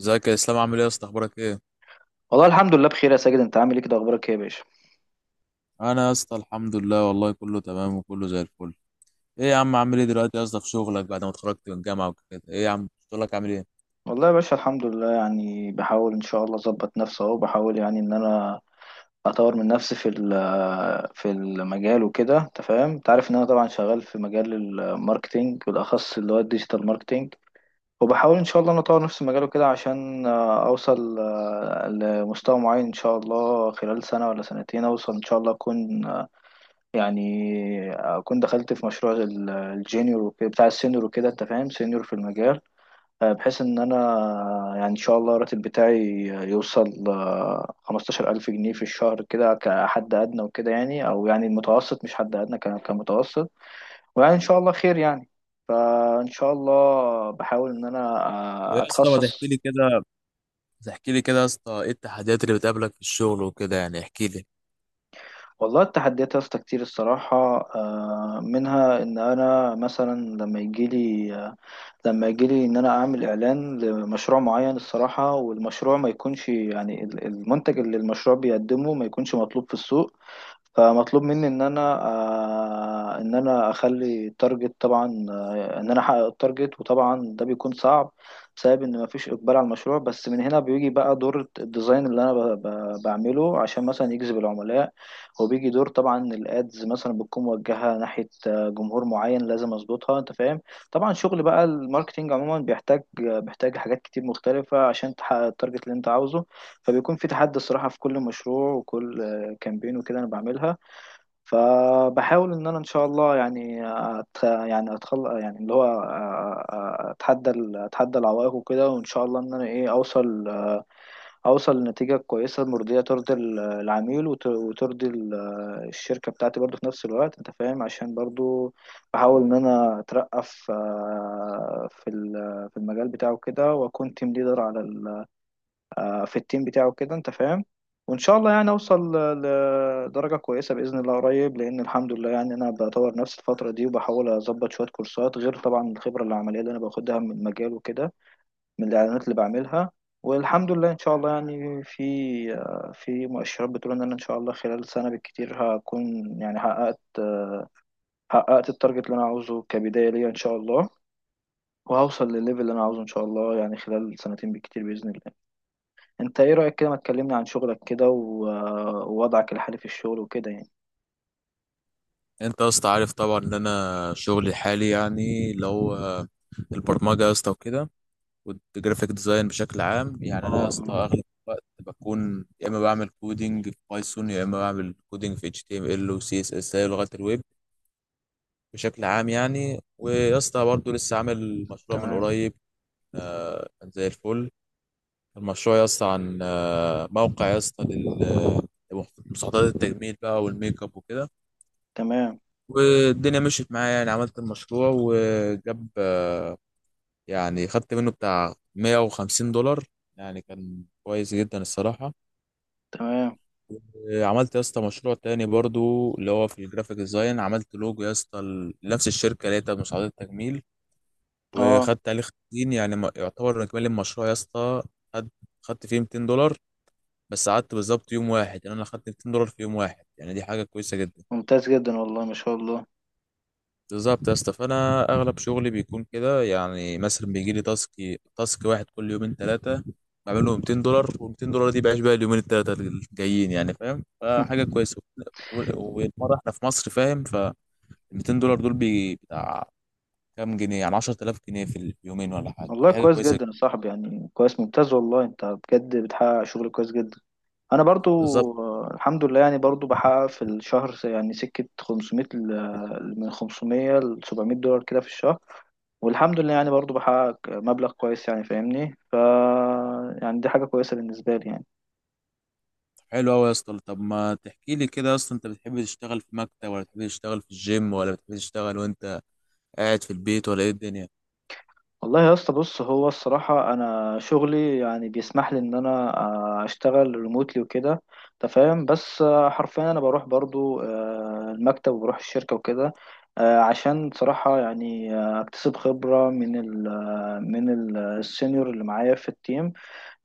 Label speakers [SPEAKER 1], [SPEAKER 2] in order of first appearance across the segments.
[SPEAKER 1] ازيك يا اسلام؟ عامل ايه يا اسطى؟ اخبارك ايه؟
[SPEAKER 2] والله الحمد لله بخير يا ساجد، انت عامل ايه كده؟ اخبارك ايه يا باشا؟
[SPEAKER 1] انا يا اسطى الحمد لله، والله كله تمام وكله زي الفل. ايه يا عم، عامل ايه دلوقتي يا اسطى في شغلك بعد ما اتخرجت من الجامعه وكده؟ ايه يا عم شغلك عامل ايه؟
[SPEAKER 2] والله يا باشا الحمد لله، يعني بحاول ان شاء الله اظبط نفسي اهو. بحاول يعني ان انا اطور من نفسي في في المجال وكده، انت فاهم. انت عارف ان انا طبعا شغال في مجال الماركتينج، بالاخص اللي هو الديجيتال ماركتينج. وبحاول ان شاء الله ان اطور نفسي في المجال وكده عشان اوصل لمستوى معين ان شاء الله. خلال سنة ولا سنتين اوصل ان شاء الله، اكون يعني اكون دخلت في مشروع بتاع السينيور وكده، انت فاهم، سينيور في المجال. بحيث ان انا يعني ان شاء الله الراتب بتاعي يوصل 15000 جنيه في الشهر كده كحد ادنى وكده، يعني، او يعني المتوسط مش حد ادنى، كمتوسط. ويعني ان شاء الله خير يعني. فان شاء الله بحاول ان انا
[SPEAKER 1] إيه يا اسطى، ما تحكي
[SPEAKER 2] اتخصص.
[SPEAKER 1] لي كده. تحكي لي كده يا اسطى، ايه التحديات اللي بتقابلك في الشغل وكده؟ يعني احكي لي.
[SPEAKER 2] والله التحديات يا اسطى كتير الصراحة. منها ان انا مثلا لما يجيلي، لما يجيلي ان انا اعمل اعلان لمشروع معين الصراحة، والمشروع ما يكونش يعني المنتج اللي المشروع بيقدمه ما يكونش مطلوب في السوق. فمطلوب مني ان انا ان انا اخلي التارجت، طبعا ان انا احقق التارجت، وطبعا ده بيكون صعب بسبب ان مفيش اقبال على المشروع. بس من هنا بيجي بقى دور الديزاين اللي انا بعمله عشان مثلا يجذب العملاء. وبيجي دور طبعا الادز، مثلا بتكون موجهه ناحيه جمهور معين لازم اظبطها، انت فاهم. طبعا شغل بقى الماركتينج عموما بيحتاج بيحتاج حاجات كتير مختلفه عشان تحقق التارجت اللي انت عاوزه. فبيكون في تحدي الصراحه في كل مشروع وكل كامبين وكده انا بعملها. فبحاول ان انا ان شاء الله يعني أت... يعني اتخل يعني اللي هو أ- أ- اتحدى اتحدى العوائق وكده، وان شاء الله ان انا ايه اوصل، اوصل لنتيجة كويسة مرضية ترضي العميل، وترضي الشركة بتاعتي برضو في نفس الوقت، انت فاهم. عشان برضو بحاول ان انا اترقى في في المجال بتاعه كده، واكون تيم ليدر على في التيم بتاعه كده، انت فاهم. وان شاء الله يعني اوصل لدرجه كويسه باذن الله قريب، لان الحمد لله يعني انا بطور نفسي الفتره دي وبحاول اظبط شويه كورسات، غير طبعا الخبره العمليه اللي انا باخدها من المجال وكده، من الاعلانات اللي بعملها. والحمد لله ان شاء الله يعني في مؤشرات بتقول ان انا ان شاء الله خلال سنه بالكتير هكون يعني حققت، حققت التارجت اللي انا عاوزه كبدايه ليا ان شاء الله. وهوصل للليفل اللي انا عاوزه ان شاء الله يعني خلال سنتين بالكتير باذن الله. انت ايه رأيك كده؟ ما تكلمني عن شغلك كده ووضعك الحالي في الشغل وكده يعني.
[SPEAKER 1] انت يا اسطى عارف طبعا ان انا شغلي الحالي يعني اللي هو البرمجه يا اسطى وكده، والجرافيك ديزاين بشكل عام. يعني
[SPEAKER 2] اه
[SPEAKER 1] انا يا اسطى
[SPEAKER 2] اه.
[SPEAKER 1] اغلب الوقت بكون يا اما بعمل كودينج في بايثون، يا اما بعمل كودينج في اتش تي ام ال وسي اس اس، اي لغات الويب بشكل عام يعني. ويا اسطى برضه لسه عامل مشروع من
[SPEAKER 2] تمام.
[SPEAKER 1] قريب. كان زي الفل. المشروع يا اسطى عن موقع يا اسطى لمستحضرات التجميل بقى والميك اب وكده.
[SPEAKER 2] تمام.
[SPEAKER 1] والدنيا مشيت معايا، يعني عملت المشروع وجاب يعني خدت منه بتاع 150 دولار. يعني كان كويس جدا الصراحة.
[SPEAKER 2] تمام.
[SPEAKER 1] عملت يا اسطى مشروع تاني برضو اللي هو في الجرافيك ديزاين، عملت لوجو يا اسطى لنفس الشركة اللي هي بتاعت مساعدات التجميل،
[SPEAKER 2] اه.
[SPEAKER 1] وخدت عليه خمسين يعني يعتبر اجمالي المشروع يا اسطى خد خدت فيه 200 دولار. بس قعدت بالظبط يوم واحد، يعني انا خدت 200 دولار في يوم واحد، يعني دي حاجه كويسه جدا
[SPEAKER 2] ممتاز جدا والله، ما شاء الله.
[SPEAKER 1] بالظبط يا اسطى. فانا اغلب شغلي بيكون كده، يعني مثلا بيجي لي تاسك واحد كل يومين ثلاثه، بعمل له 200 دولار، وال200 دولار دي بعيش بقى اليومين الثلاثه الجايين يعني، فاهم؟ فحاجه كويسه. والمره احنا في مصر، فاهم؟ ف 200 دولار دول بتاع كام جنيه؟ يعني 10,000 جنيه في اليومين ولا حاجه،
[SPEAKER 2] والله
[SPEAKER 1] دي حاجه
[SPEAKER 2] كويس
[SPEAKER 1] كويسه
[SPEAKER 2] جدا يا صاحبي، يعني كويس، ممتاز والله. انت بجد بتحقق شغل كويس جدا. انا برضو
[SPEAKER 1] بالظبط.
[SPEAKER 2] الحمد لله، يعني برضو بحقق في الشهر يعني سكة 500، من 500 ل $700 كده في الشهر. والحمد لله يعني برضو بحقق مبلغ كويس، يعني فاهمني. ف يعني دي حاجة كويسة بالنسبة لي يعني.
[SPEAKER 1] حلو قوي يا اسطى. طب ما تحكي لي كده يا اسطى، انت بتحب تشتغل في مكتب، ولا بتحب تشتغل في الجيم، ولا بتحب تشتغل وانت قاعد في البيت، ولا ايه الدنيا؟
[SPEAKER 2] والله يا اسطى بص، هو الصراحة أنا شغلي يعني بيسمح لي إن أنا أشتغل ريموتلي وكده، أنت فاهم. بس حرفيا أنا بروح برضو المكتب وبروح الشركة وكده، عشان صراحة يعني أكتسب خبرة من ال السينيور اللي معايا في التيم.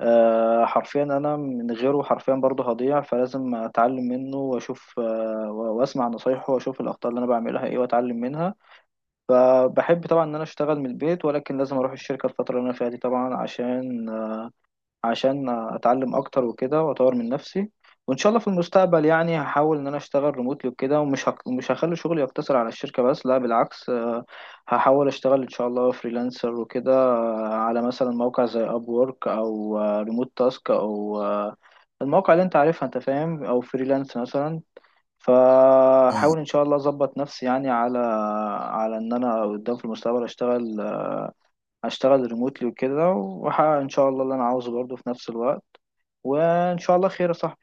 [SPEAKER 2] حرفيا أنا من غيره حرفيا برضو هضيع، فلازم أتعلم منه وأشوف وأسمع نصايحه وأشوف الأخطاء اللي أنا بعملها إيه وأتعلم منها. فبحب طبعا ان انا اشتغل من البيت، ولكن لازم اروح الشركه الفتره اللي انا فيها دي طبعا، عشان عشان اتعلم اكتر وكده واطور من نفسي. وان شاء الله في المستقبل يعني هحاول ان انا اشتغل ريموتلي وكده، ومش مش هخلي شغلي يقتصر على الشركه بس، لا بالعكس. هحاول اشتغل ان شاء الله فريلانسر وكده على مثلا موقع زي اب وورك او ريموت تاسك او المواقع اللي انت عارفها انت فاهم، او فريلانس مثلا. فحاول ان شاء الله اظبط نفسي يعني على ان انا قدام في المستقبل اشتغل، اشتغل ريموتلي وكده، واحقق ان شاء الله اللي انا عاوزه برضه في نفس الوقت. وان شاء الله خير يا صاحبي،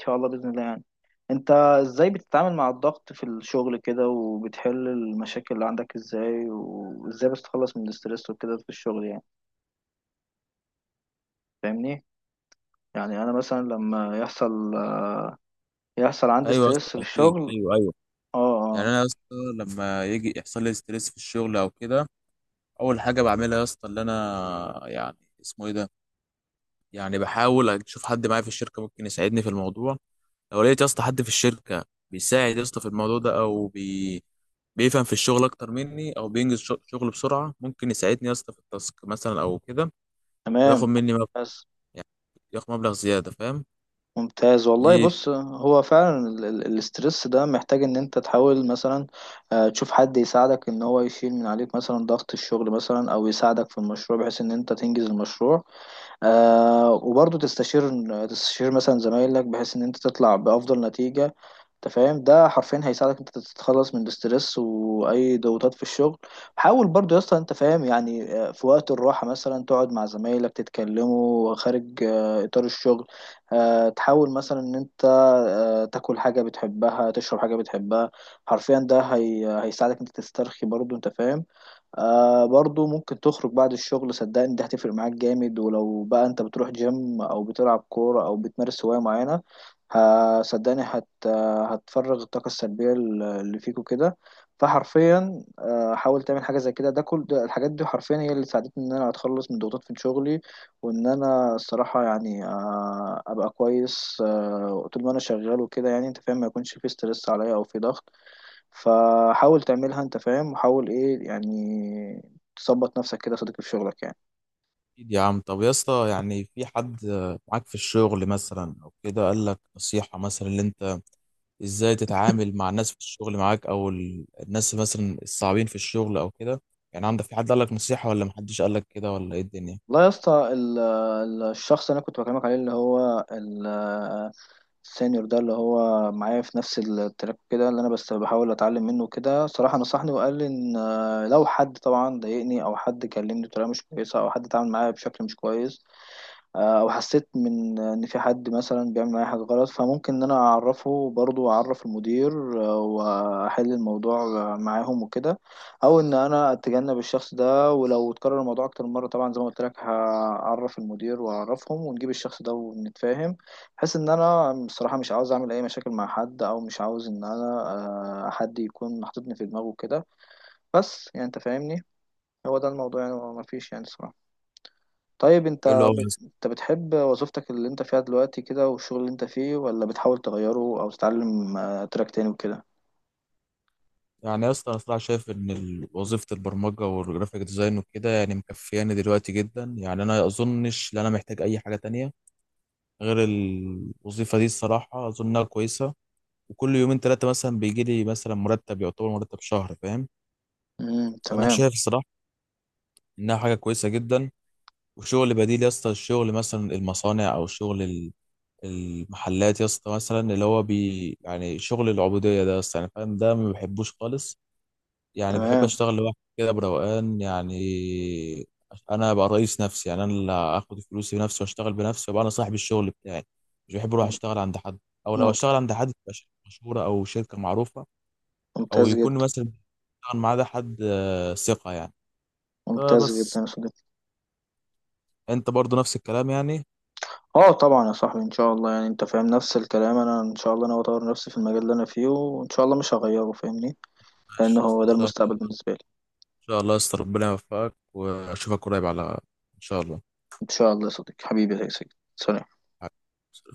[SPEAKER 2] ان شاء الله باذن الله يعني. انت ازاي بتتعامل مع الضغط في الشغل كده؟ وبتحل المشاكل اللي عندك ازاي؟ وازاي بتتخلص من الاسترس وكده في الشغل يعني؟ فاهمني، يعني انا مثلا لما يحصل، يحصل عندي
[SPEAKER 1] ايوه يا
[SPEAKER 2] ستريس
[SPEAKER 1] اسطى
[SPEAKER 2] في
[SPEAKER 1] اكيد،
[SPEAKER 2] الشغل.
[SPEAKER 1] ايوه ايوه.
[SPEAKER 2] اه
[SPEAKER 1] يعني
[SPEAKER 2] اه.
[SPEAKER 1] انا يا اسطى لما يجي يحصل لي ستريس في الشغل او كده، اول حاجه بعملها يا اسطى اللي انا يعني اسمه ايه ده، يعني بحاول اشوف حد معايا في الشركه ممكن يساعدني في الموضوع. لو لقيت يا اسطى حد في الشركه بيساعد يا اسطى في الموضوع ده، او بيفهم في الشغل اكتر مني، او بينجز شغل بسرعه، ممكن يساعدني يا اسطى في التاسك مثلا او كده، وياخد
[SPEAKER 2] تمام.
[SPEAKER 1] مني مبلغ
[SPEAKER 2] بس.
[SPEAKER 1] يعني، ياخد مبلغ زيادة، فاهم؟
[SPEAKER 2] ممتاز والله.
[SPEAKER 1] ايه،
[SPEAKER 2] بص هو فعلا الاسترس ده محتاج ان انت تحاول مثلا تشوف حد يساعدك ان هو يشيل من عليك مثلا ضغط الشغل مثلا، او يساعدك في المشروع بحيث ان انت تنجز المشروع. آه، وبرضه تستشير، تستشير مثلا زمايلك بحيث ان انت تطلع بافضل نتيجة، انت فاهم. ده حرفيا هيساعدك انت تتخلص من الاسترس واي ضغوطات في الشغل. حاول برضو يا اسطى، انت فاهم يعني في وقت الراحه مثلا تقعد مع زمايلك تتكلموا خارج اطار الشغل. تحاول مثلا ان انت تاكل حاجه بتحبها، تشرب حاجه بتحبها. حرفيا ده هي هيساعدك انت تسترخي برضو، انت فاهم. آه، برضو ممكن تخرج بعد الشغل، صدقني دي هتفرق معاك جامد. ولو بقى انت بتروح جيم او بتلعب كورة او بتمارس هواية معينة، ه- صدقني هت هتفرغ الطاقة السلبية اللي فيك وكده. فحرفيا حاول تعمل حاجة زي كده. ده كل ده الحاجات دي حرفيا هي اللي ساعدتني ان انا اتخلص من ضغوطات في شغلي، وان انا الصراحة يعني ابقى كويس طول ما انا شغال وكده يعني، انت فاهم، ما يكونش في ستريس عليا او في ضغط. فحاول تعملها انت فاهم، وحاول ايه يعني تظبط نفسك كده يا صديقي في شغلك يعني.
[SPEAKER 1] اكيد يا عم. طب يا اسطى، يعني في حد معاك في الشغل مثلا او كده قال لك نصيحة مثلا اللي انت ازاي تتعامل مع الناس في الشغل معاك، او الناس مثلا الصعبين في الشغل او كده؟ يعني عندك في حد قال لك نصيحة، ولا محدش قال لك كده، ولا ايه الدنيا؟
[SPEAKER 2] والله يا اسطى الشخص اللي انا كنت بكلمك عليه، اللي هو السينيور ده اللي هو معايا في نفس التراك كده، اللي انا بس بحاول اتعلم منه كده صراحة، نصحني وقال لي ان لو حد طبعا ضايقني، او حد كلمني بطريقة مش كويسة، او حد اتعامل معايا بشكل مش كويس، او حسيت من ان في حد مثلا بيعمل معايا حاجه غلط، فممكن ان انا اعرفه برضو، اعرف المدير واحل الموضوع معاهم وكده، او ان انا اتجنب الشخص ده. ولو اتكرر الموضوع اكتر من مره طبعا زي ما قلت لك، هعرف المدير واعرفهم ونجيب الشخص ده ونتفاهم. بحيث ان انا بصراحه مش عاوز اعمل اي مشاكل مع حد، او مش عاوز ان انا حد يكون حاططني في دماغه كده. بس يعني انت فاهمني، هو ده الموضوع يعني، مفيش يعني صراحه. طيب انت
[SPEAKER 1] حلو قوي يا اسطى.
[SPEAKER 2] انت بتحب وظيفتك اللي انت فيها دلوقتي كده والشغل اللي انت فيه، ولا بتحاول تغيره او تتعلم تراك تاني وكده؟
[SPEAKER 1] يعني يا اسطى انا صراحة شايف ان وظيفة البرمجة والجرافيك ديزاين وكده يعني مكفياني دلوقتي جدا، يعني انا اظنش ان انا محتاج اي حاجة تانية غير الوظيفة دي، الصراحة اظنها كويسة. وكل يومين ثلاثة مثلا بيجي لي مثلا مرتب يعتبر مرتب شهر، فاهم؟
[SPEAKER 2] امم.
[SPEAKER 1] فأنا
[SPEAKER 2] تمام.
[SPEAKER 1] شايف الصراحة إنها حاجة كويسة جدا. وشغل بديل يا اسطى، الشغل مثلا المصانع أو شغل المحلات يا اسطى، مثلا اللي هو بي يعني شغل العبودية ده يا اسطى، يعني فاهم؟ ده ما بحبوش خالص. يعني بحب
[SPEAKER 2] تمام.
[SPEAKER 1] أشتغل لوحدي كده بروقان يعني، أنا أبقى رئيس نفسي. يعني أنا اللي آخد فلوسي بنفسي وأشتغل بنفسي وأبقى أنا صاحب الشغل بتاعي، مش بحب أروح
[SPEAKER 2] مم-.
[SPEAKER 1] أشتغل عند حد. أو لو
[SPEAKER 2] مم-.
[SPEAKER 1] أشتغل عند حد تبقى شركة مشهورة أو شركة معروفة، او
[SPEAKER 2] ممتاز
[SPEAKER 1] يكون
[SPEAKER 2] جدا.
[SPEAKER 1] مثلا بيشتغل معاه ده حد ثقه يعني.
[SPEAKER 2] ممتاز جدا
[SPEAKER 1] فبس.
[SPEAKER 2] يا صديقي.
[SPEAKER 1] انت برضو نفس الكلام يعني؟
[SPEAKER 2] اه طبعا يا صاحبي، ان شاء الله يعني انت فاهم نفس الكلام. انا ان شاء الله انا اطور نفسي في المجال اللي انا فيه وان شاء الله مش هغيره فاهمني.
[SPEAKER 1] ماشي
[SPEAKER 2] لانه
[SPEAKER 1] يا اسطى،
[SPEAKER 2] هو
[SPEAKER 1] ان
[SPEAKER 2] ده
[SPEAKER 1] شاء الله.
[SPEAKER 2] المستقبل بالنسبة لي.
[SPEAKER 1] ان شاء الله يا اسطى ربنا يوفقك، واشوفك قريب على ان شاء
[SPEAKER 2] ان شاء الله يا صديقي حبيبي يا سيدي، سلام.
[SPEAKER 1] الله.